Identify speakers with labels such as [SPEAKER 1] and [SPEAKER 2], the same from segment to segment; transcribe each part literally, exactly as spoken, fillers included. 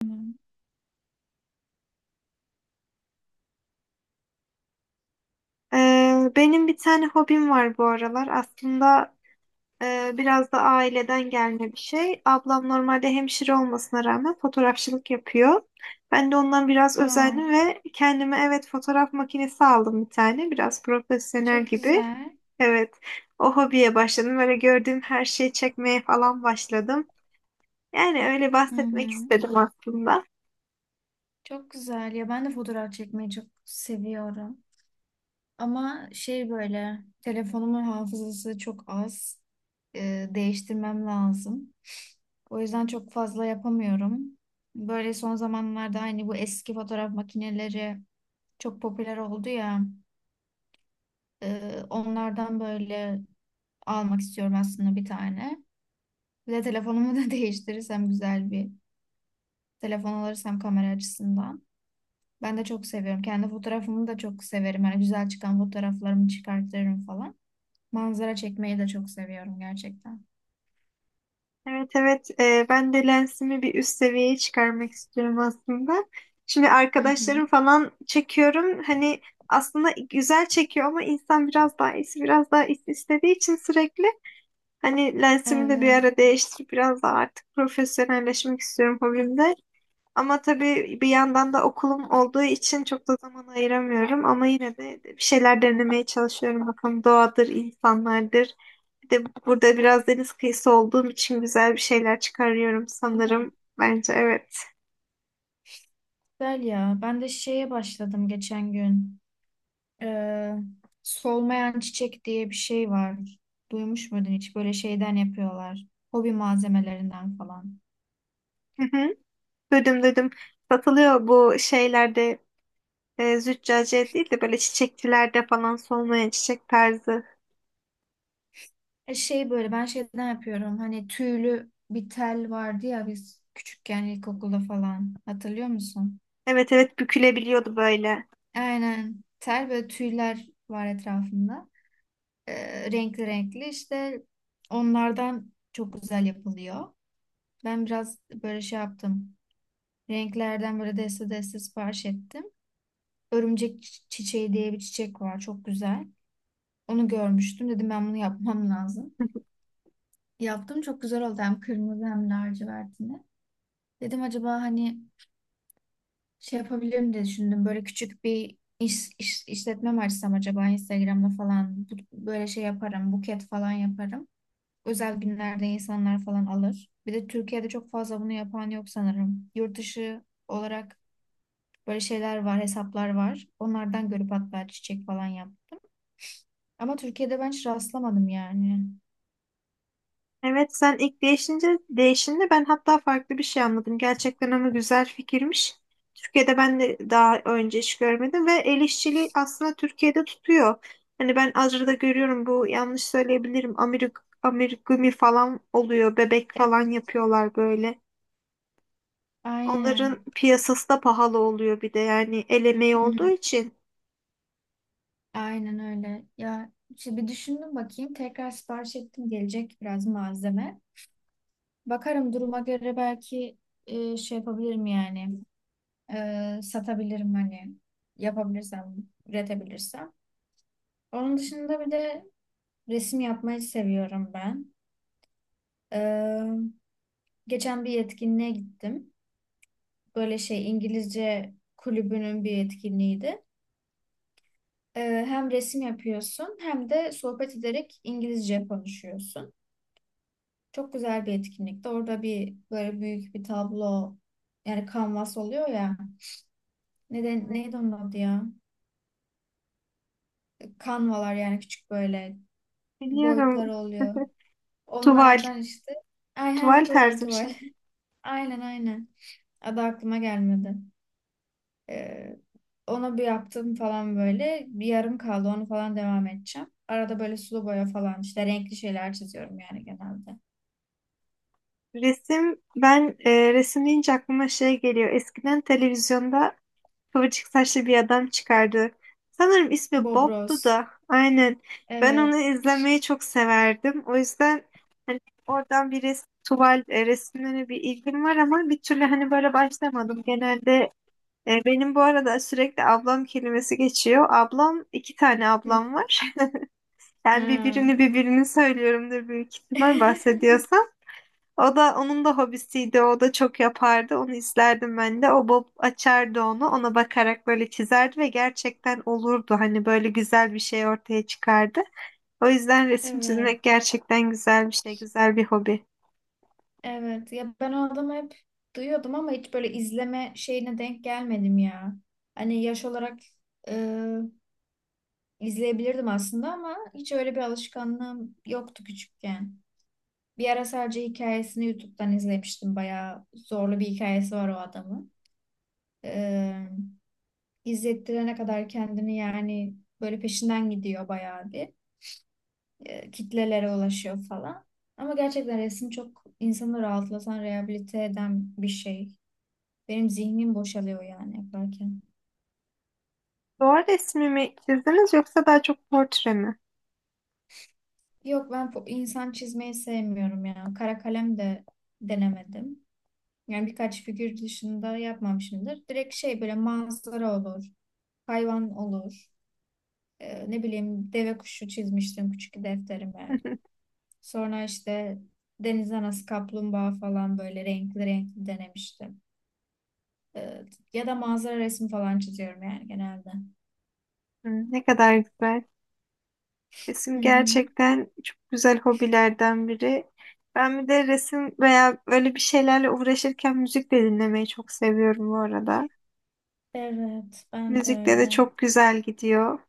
[SPEAKER 1] Tamam.
[SPEAKER 2] Ee, benim bir tane hobim var bu aralar. Aslında e, biraz da aileden gelme bir şey. Ablam normalde hemşire olmasına rağmen fotoğrafçılık yapıyor. Ben de ondan biraz
[SPEAKER 1] Aa,
[SPEAKER 2] özendim ve kendime evet fotoğraf makinesi aldım bir tane. Biraz profesyonel
[SPEAKER 1] çok
[SPEAKER 2] gibi.
[SPEAKER 1] güzel.
[SPEAKER 2] Evet, o hobiye başladım. Öyle gördüğüm her şeyi çekmeye falan başladım. Yani öyle
[SPEAKER 1] Hı
[SPEAKER 2] bahsetmek
[SPEAKER 1] hı.
[SPEAKER 2] istedim aslında.
[SPEAKER 1] Çok güzel ya, ben de fotoğraf çekmeyi çok seviyorum. Ama şey böyle telefonumun hafızası çok az. Ee, değiştirmem lazım. O yüzden çok fazla yapamıyorum. Böyle son zamanlarda hani bu eski fotoğraf makineleri çok popüler oldu ya. Ee, onlardan böyle almak istiyorum aslında bir tane. Bir de telefonumu da değiştirirsem güzel bir telefon alırsam kamera açısından. Ben de çok seviyorum. Kendi fotoğrafımı da çok severim. Hani güzel çıkan fotoğraflarımı çıkartırım falan. Manzara çekmeyi de çok seviyorum gerçekten.
[SPEAKER 2] Evet, evet. Ee, ben de lensimi bir üst seviyeye çıkarmak istiyorum aslında. Şimdi
[SPEAKER 1] Hı hı.
[SPEAKER 2] arkadaşlarım falan çekiyorum. Hani aslında güzel çekiyor ama insan biraz daha iyisi biraz daha iyisi istediği için sürekli hani lensimi de bir
[SPEAKER 1] Evet.
[SPEAKER 2] ara değiştirip biraz daha artık profesyonelleşmek istiyorum hobimde. Ama tabii bir yandan da okulum olduğu için çok da zaman ayıramıyorum ama yine de bir şeyler denemeye çalışıyorum. Bakalım doğadır, insanlardır. Bir de burada biraz deniz kıyısı olduğum için güzel bir şeyler çıkarıyorum
[SPEAKER 1] Değil mi?
[SPEAKER 2] sanırım. Bence evet.
[SPEAKER 1] Güzel ya. Ben de şeye başladım geçen gün. Ee, Solmayan çiçek diye bir şey var. Duymuş muydun hiç? Böyle şeyden yapıyorlar. Hobi malzemelerinden falan.
[SPEAKER 2] Hı hı. Duydum, duydum. Satılıyor bu şeylerde e, züccaciye değil de böyle çiçekçilerde falan solmayan çiçek tarzı.
[SPEAKER 1] E, Şey böyle ben şeyden yapıyorum. Hani tüylü bir tel vardı ya biz küçükken ilkokulda falan. Hatırlıyor musun?
[SPEAKER 2] Evet, evet, bükülebiliyordu böyle.
[SPEAKER 1] Aynen. Tel böyle, tüyler var etrafında. E, renkli renkli işte onlardan çok güzel yapılıyor. Ben biraz böyle şey yaptım. Renklerden böyle deste deste sipariş ettim. Örümcek çi- çiçeği diye bir çiçek var. Çok güzel. Onu görmüştüm. Dedim ben bunu yapmam lazım. Yaptım, çok güzel oldu. Hem kırmızı hem lacivertini. Dedim acaba hani şey yapabilirim diye düşündüm. Böyle küçük bir iş, iş- işletme mi açsam acaba Instagram'da falan. Bu- böyle şey yaparım, buket falan yaparım. Özel günlerde insanlar falan alır. Bir de Türkiye'de çok fazla bunu yapan yok sanırım. Yurt dışı olarak böyle şeyler var, hesaplar var. Onlardan görüp hatta çiçek falan yaptım. Ama Türkiye'de ben hiç rastlamadım yani.
[SPEAKER 2] Evet, sen ilk değişince değişinde ben hatta farklı bir şey anladım. Gerçekten ama güzel fikirmiş. Türkiye'de ben de daha önce hiç görmedim ve el işçiliği aslında Türkiye'de tutuyor. Hani ben Azra'da görüyorum bu yanlış söyleyebilirim. Amerik amigurumi falan oluyor. Bebek
[SPEAKER 1] Evet,
[SPEAKER 2] falan yapıyorlar böyle. Onların
[SPEAKER 1] aynen.
[SPEAKER 2] piyasası da pahalı oluyor bir de yani el emeği
[SPEAKER 1] Hı
[SPEAKER 2] olduğu
[SPEAKER 1] hı.
[SPEAKER 2] için.
[SPEAKER 1] Aynen öyle. Ya işte bir düşündüm, bakayım. Tekrar sipariş ettim, gelecek biraz malzeme. Bakarım duruma göre, belki e, şey yapabilirim yani. E, satabilirim hani. Yapabilirsem, üretebilirsem. Onun dışında bir de resim yapmayı seviyorum ben. E, Geçen bir etkinliğe gittim. Böyle şey İngilizce kulübünün bir etkinliğiydi. E, Hem resim yapıyorsun hem de sohbet ederek İngilizce konuşuyorsun. Çok güzel bir etkinlikti. Orada bir böyle büyük bir tablo, yani kanvas oluyor ya. Neden,
[SPEAKER 2] Evet,
[SPEAKER 1] neydi onun adı ya? Kanvalar, yani küçük böyle
[SPEAKER 2] biliyorum.
[SPEAKER 1] boyutlar oluyor.
[SPEAKER 2] Tuval.
[SPEAKER 1] Onlardan işte. Ay heh,
[SPEAKER 2] Tuval
[SPEAKER 1] tuval
[SPEAKER 2] tarzı bir
[SPEAKER 1] tuval.
[SPEAKER 2] şey.
[SPEAKER 1] Aynen aynen. Adı aklıma gelmedi. Ee, Ona bir yaptım falan böyle. Bir yarım kaldı, onu falan devam edeceğim. Arada böyle sulu boya falan, işte renkli şeyler çiziyorum yani genelde.
[SPEAKER 2] Resim, ben e, resim deyince aklıma şey geliyor. Eskiden televizyonda kıvırcık saçlı bir adam çıkardı. Sanırım ismi Bob'du
[SPEAKER 1] Bobros.
[SPEAKER 2] da. Aynen. Ben onu
[SPEAKER 1] Evet.
[SPEAKER 2] izlemeyi çok severdim. O yüzden hani oradan bir resim, tuval e, resimlerine bir ilgim var ama bir türlü hani böyle başlamadım. Genelde e, benim bu arada sürekli ablam kelimesi geçiyor. Ablam, iki tane
[SPEAKER 1] Hı.
[SPEAKER 2] ablam var. Ben
[SPEAKER 1] Ha.
[SPEAKER 2] birbirini birbirini söylüyorumdur büyük ihtimal bahsediyorsam. O da onun da hobisiydi. O da çok yapardı. Onu izlerdim ben de. O Bob açardı onu. Ona bakarak böyle çizerdi ve gerçekten olurdu. Hani böyle güzel bir şey ortaya çıkardı. O yüzden resim
[SPEAKER 1] Evet.
[SPEAKER 2] çizmek gerçekten güzel bir şey, güzel bir hobi.
[SPEAKER 1] Evet ya, ben o adamı hep duyuyordum ama hiç böyle izleme şeyine denk gelmedim ya. Hani yaş olarak e, izleyebilirdim aslında, ama hiç öyle bir alışkanlığım yoktu küçükken. Bir ara sadece hikayesini YouTube'dan izlemiştim. Bayağı zorlu bir hikayesi var o adamın. E, izlettirene kadar kendini yani, böyle peşinden gidiyor bayağı bir. E, kitlelere ulaşıyor falan. Ama gerçekten resim çok insanı rahatlatan, rehabilite eden bir şey. Benim zihnim boşalıyor yani yaparken.
[SPEAKER 2] Doğal resmi mi çizdiniz yoksa daha çok portre mi?
[SPEAKER 1] Yok, ben po- insan çizmeyi sevmiyorum ya. Kara kalem de denemedim. Yani birkaç figür dışında yapmamışımdır. Direkt şey böyle manzara olur, hayvan olur. Ee, ne bileyim, deve kuşu çizmiştim küçük defterime. Sonra işte deniz anası, kaplumbağa falan böyle renkli renkli denemiştim. Ee, Ya da manzara resmi falan çiziyorum yani genelde.
[SPEAKER 2] Hmm, ne kadar güzel.
[SPEAKER 1] Hı
[SPEAKER 2] Resim
[SPEAKER 1] hı.
[SPEAKER 2] gerçekten çok güzel hobilerden biri. Ben bir de resim veya öyle bir şeylerle uğraşırken müzik de dinlemeyi çok seviyorum bu arada.
[SPEAKER 1] Evet, ben de
[SPEAKER 2] Müzikte de
[SPEAKER 1] öyle.
[SPEAKER 2] çok güzel gidiyor.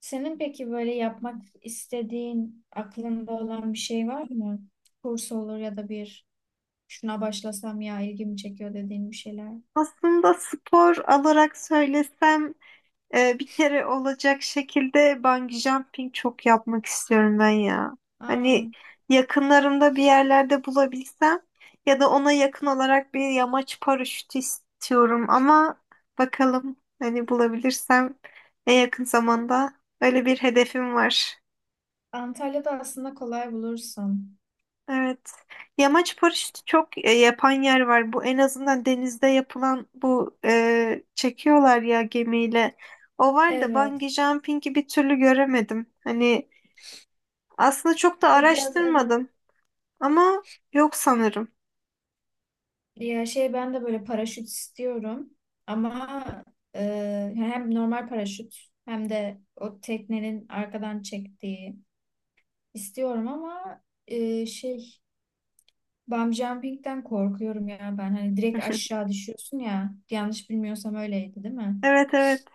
[SPEAKER 1] Senin peki böyle yapmak istediğin, aklında olan bir şey var mı? Kurs olur ya da bir, şuna başlasam ya ilgimi çekiyor dediğin bir şeyler.
[SPEAKER 2] Aslında spor olarak söylesem, Ee, bir kere olacak şekilde bungee jumping çok yapmak istiyorum ben ya.
[SPEAKER 1] Aa,
[SPEAKER 2] Hani yakınlarımda bir yerlerde bulabilsem ya da ona yakın olarak bir yamaç paraşütü istiyorum ama bakalım, hani bulabilirsem en yakın zamanda, öyle bir hedefim var.
[SPEAKER 1] Antalya'da aslında kolay bulursun.
[SPEAKER 2] Evet. Yamaç paraşütü çok e, yapan yer var. Bu en azından denizde yapılan bu e, çekiyorlar ya gemiyle. O var da
[SPEAKER 1] Evet.
[SPEAKER 2] bungee jumping'i bir türlü göremedim. Hani aslında çok da
[SPEAKER 1] O biraz, evet.
[SPEAKER 2] araştırmadım ama yok sanırım.
[SPEAKER 1] Ya şey, ben de böyle paraşüt istiyorum. Ama e, hem normal paraşüt hem de o teknenin arkadan çektiği istiyorum. Ama e, şey bungee jumping'den korkuyorum ya ben. Hani direkt aşağı düşüyorsun ya. Yanlış bilmiyorsam öyleydi değil mi?
[SPEAKER 2] Evet, evet.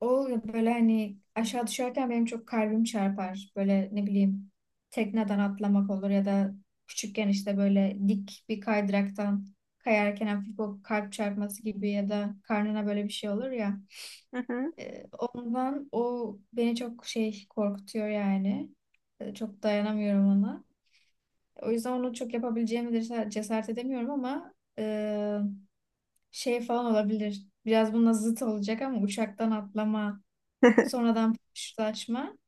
[SPEAKER 1] O böyle hani aşağı düşerken benim çok kalbim çarpar. Böyle ne bileyim, tekneden atlamak olur ya da küçükken işte böyle dik bir kaydıraktan kayarken hafif o kalp çarpması gibi, ya da karnına böyle bir şey olur ya.
[SPEAKER 2] Hı hı.
[SPEAKER 1] Ee, ondan o beni çok şey korkutuyor yani. Ee, çok dayanamıyorum ona. O yüzden onu çok yapabileceğimi de cesaret cesaret edemiyorum. Ama e, şey falan olabilir. Biraz bununla zıt olacak ama uçaktan atlama, sonradan paraşütlaşma.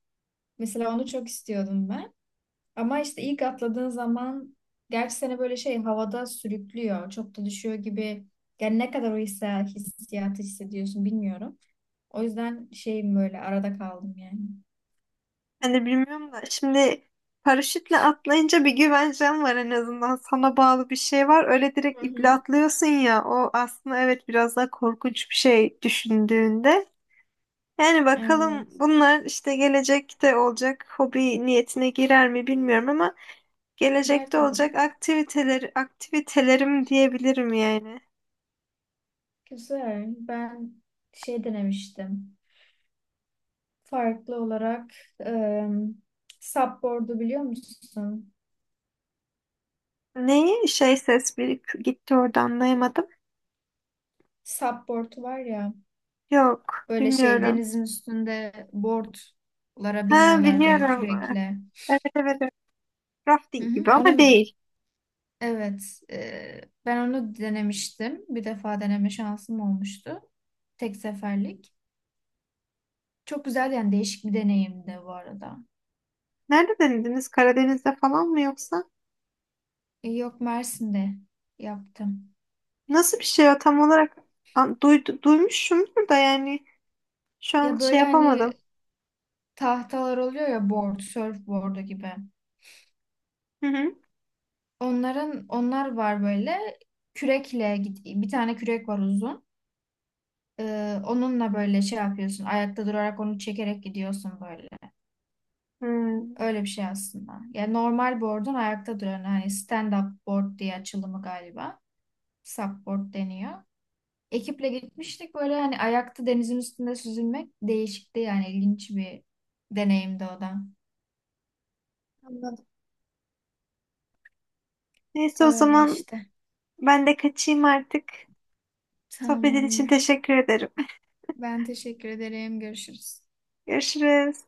[SPEAKER 1] Mesela onu çok istiyordum ben. Ama işte ilk atladığın zaman, gerçi seni böyle şey havada sürüklüyor, çok da düşüyor gibi. Yani ne kadar o hisse- hissiyatı hissediyorsun bilmiyorum. O yüzden şeyim, böyle arada kaldım yani.
[SPEAKER 2] Hani bilmiyorum da şimdi paraşütle atlayınca bir güvencen var en azından. Sana bağlı bir şey var. Öyle
[SPEAKER 1] Hı
[SPEAKER 2] direkt iple
[SPEAKER 1] hı.
[SPEAKER 2] atlıyorsun ya. O aslında evet biraz daha korkunç bir şey düşündüğünde. Yani bakalım
[SPEAKER 1] Evet.
[SPEAKER 2] bunlar işte gelecekte olacak hobi niyetine girer mi bilmiyorum ama
[SPEAKER 1] Gider
[SPEAKER 2] gelecekte
[SPEAKER 1] tabii
[SPEAKER 2] olacak
[SPEAKER 1] canım.
[SPEAKER 2] aktiviteler aktivitelerim diyebilirim yani.
[SPEAKER 1] Güzel. Ben şey denemiştim. Farklı olarak e, supboard'u biliyor musun?
[SPEAKER 2] Neyi? Şey, ses bir gitti orada anlayamadım.
[SPEAKER 1] Supboard var ya,
[SPEAKER 2] Yok,
[SPEAKER 1] böyle şey
[SPEAKER 2] bilmiyorum.
[SPEAKER 1] denizin üstünde boardlara
[SPEAKER 2] Ha,
[SPEAKER 1] biniyorlar böyle
[SPEAKER 2] biliyorum.
[SPEAKER 1] kürekle.
[SPEAKER 2] Evet, evet, evet.
[SPEAKER 1] Hı
[SPEAKER 2] Rafting
[SPEAKER 1] hı,
[SPEAKER 2] gibi ama
[SPEAKER 1] onu
[SPEAKER 2] değil.
[SPEAKER 1] evet, e, ben onu denemiştim. Bir defa deneme şansım olmuştu. Tek seferlik. Çok güzel, yani değişik bir deneyimdi bu arada.
[SPEAKER 2] Nerede denediniz? Karadeniz'de falan mı yoksa?
[SPEAKER 1] E, yok, Mersin'de yaptım.
[SPEAKER 2] Nasıl bir şey o tam olarak? An- Duydu, duymuşumdur da yani şu an
[SPEAKER 1] Ya
[SPEAKER 2] şey
[SPEAKER 1] böyle hani
[SPEAKER 2] yapamadım.
[SPEAKER 1] tahtalar oluyor ya, board, surfboard'u gibi.
[SPEAKER 2] Hı hı.
[SPEAKER 1] Onların onlar var böyle, kürekle git- bir tane kürek var uzun. Ee, onunla böyle şey yapıyorsun. Ayakta durarak onu çekerek gidiyorsun böyle.
[SPEAKER 2] Hmm,
[SPEAKER 1] Öyle bir şey aslında. Yani normal board'un ayakta duran, hani stand up board diye açılımı galiba. Supboard deniyor. Ekiple gitmiştik böyle, hani ayakta denizin üstünde süzülmek değişikti, yani ilginç bir deneyimdi o da.
[SPEAKER 2] anladım. Neyse o
[SPEAKER 1] Öyle
[SPEAKER 2] zaman
[SPEAKER 1] işte.
[SPEAKER 2] ben de kaçayım artık. Sohbetin için
[SPEAKER 1] Tamamdır.
[SPEAKER 2] teşekkür ederim.
[SPEAKER 1] Ben teşekkür ederim. Görüşürüz.
[SPEAKER 2] Görüşürüz.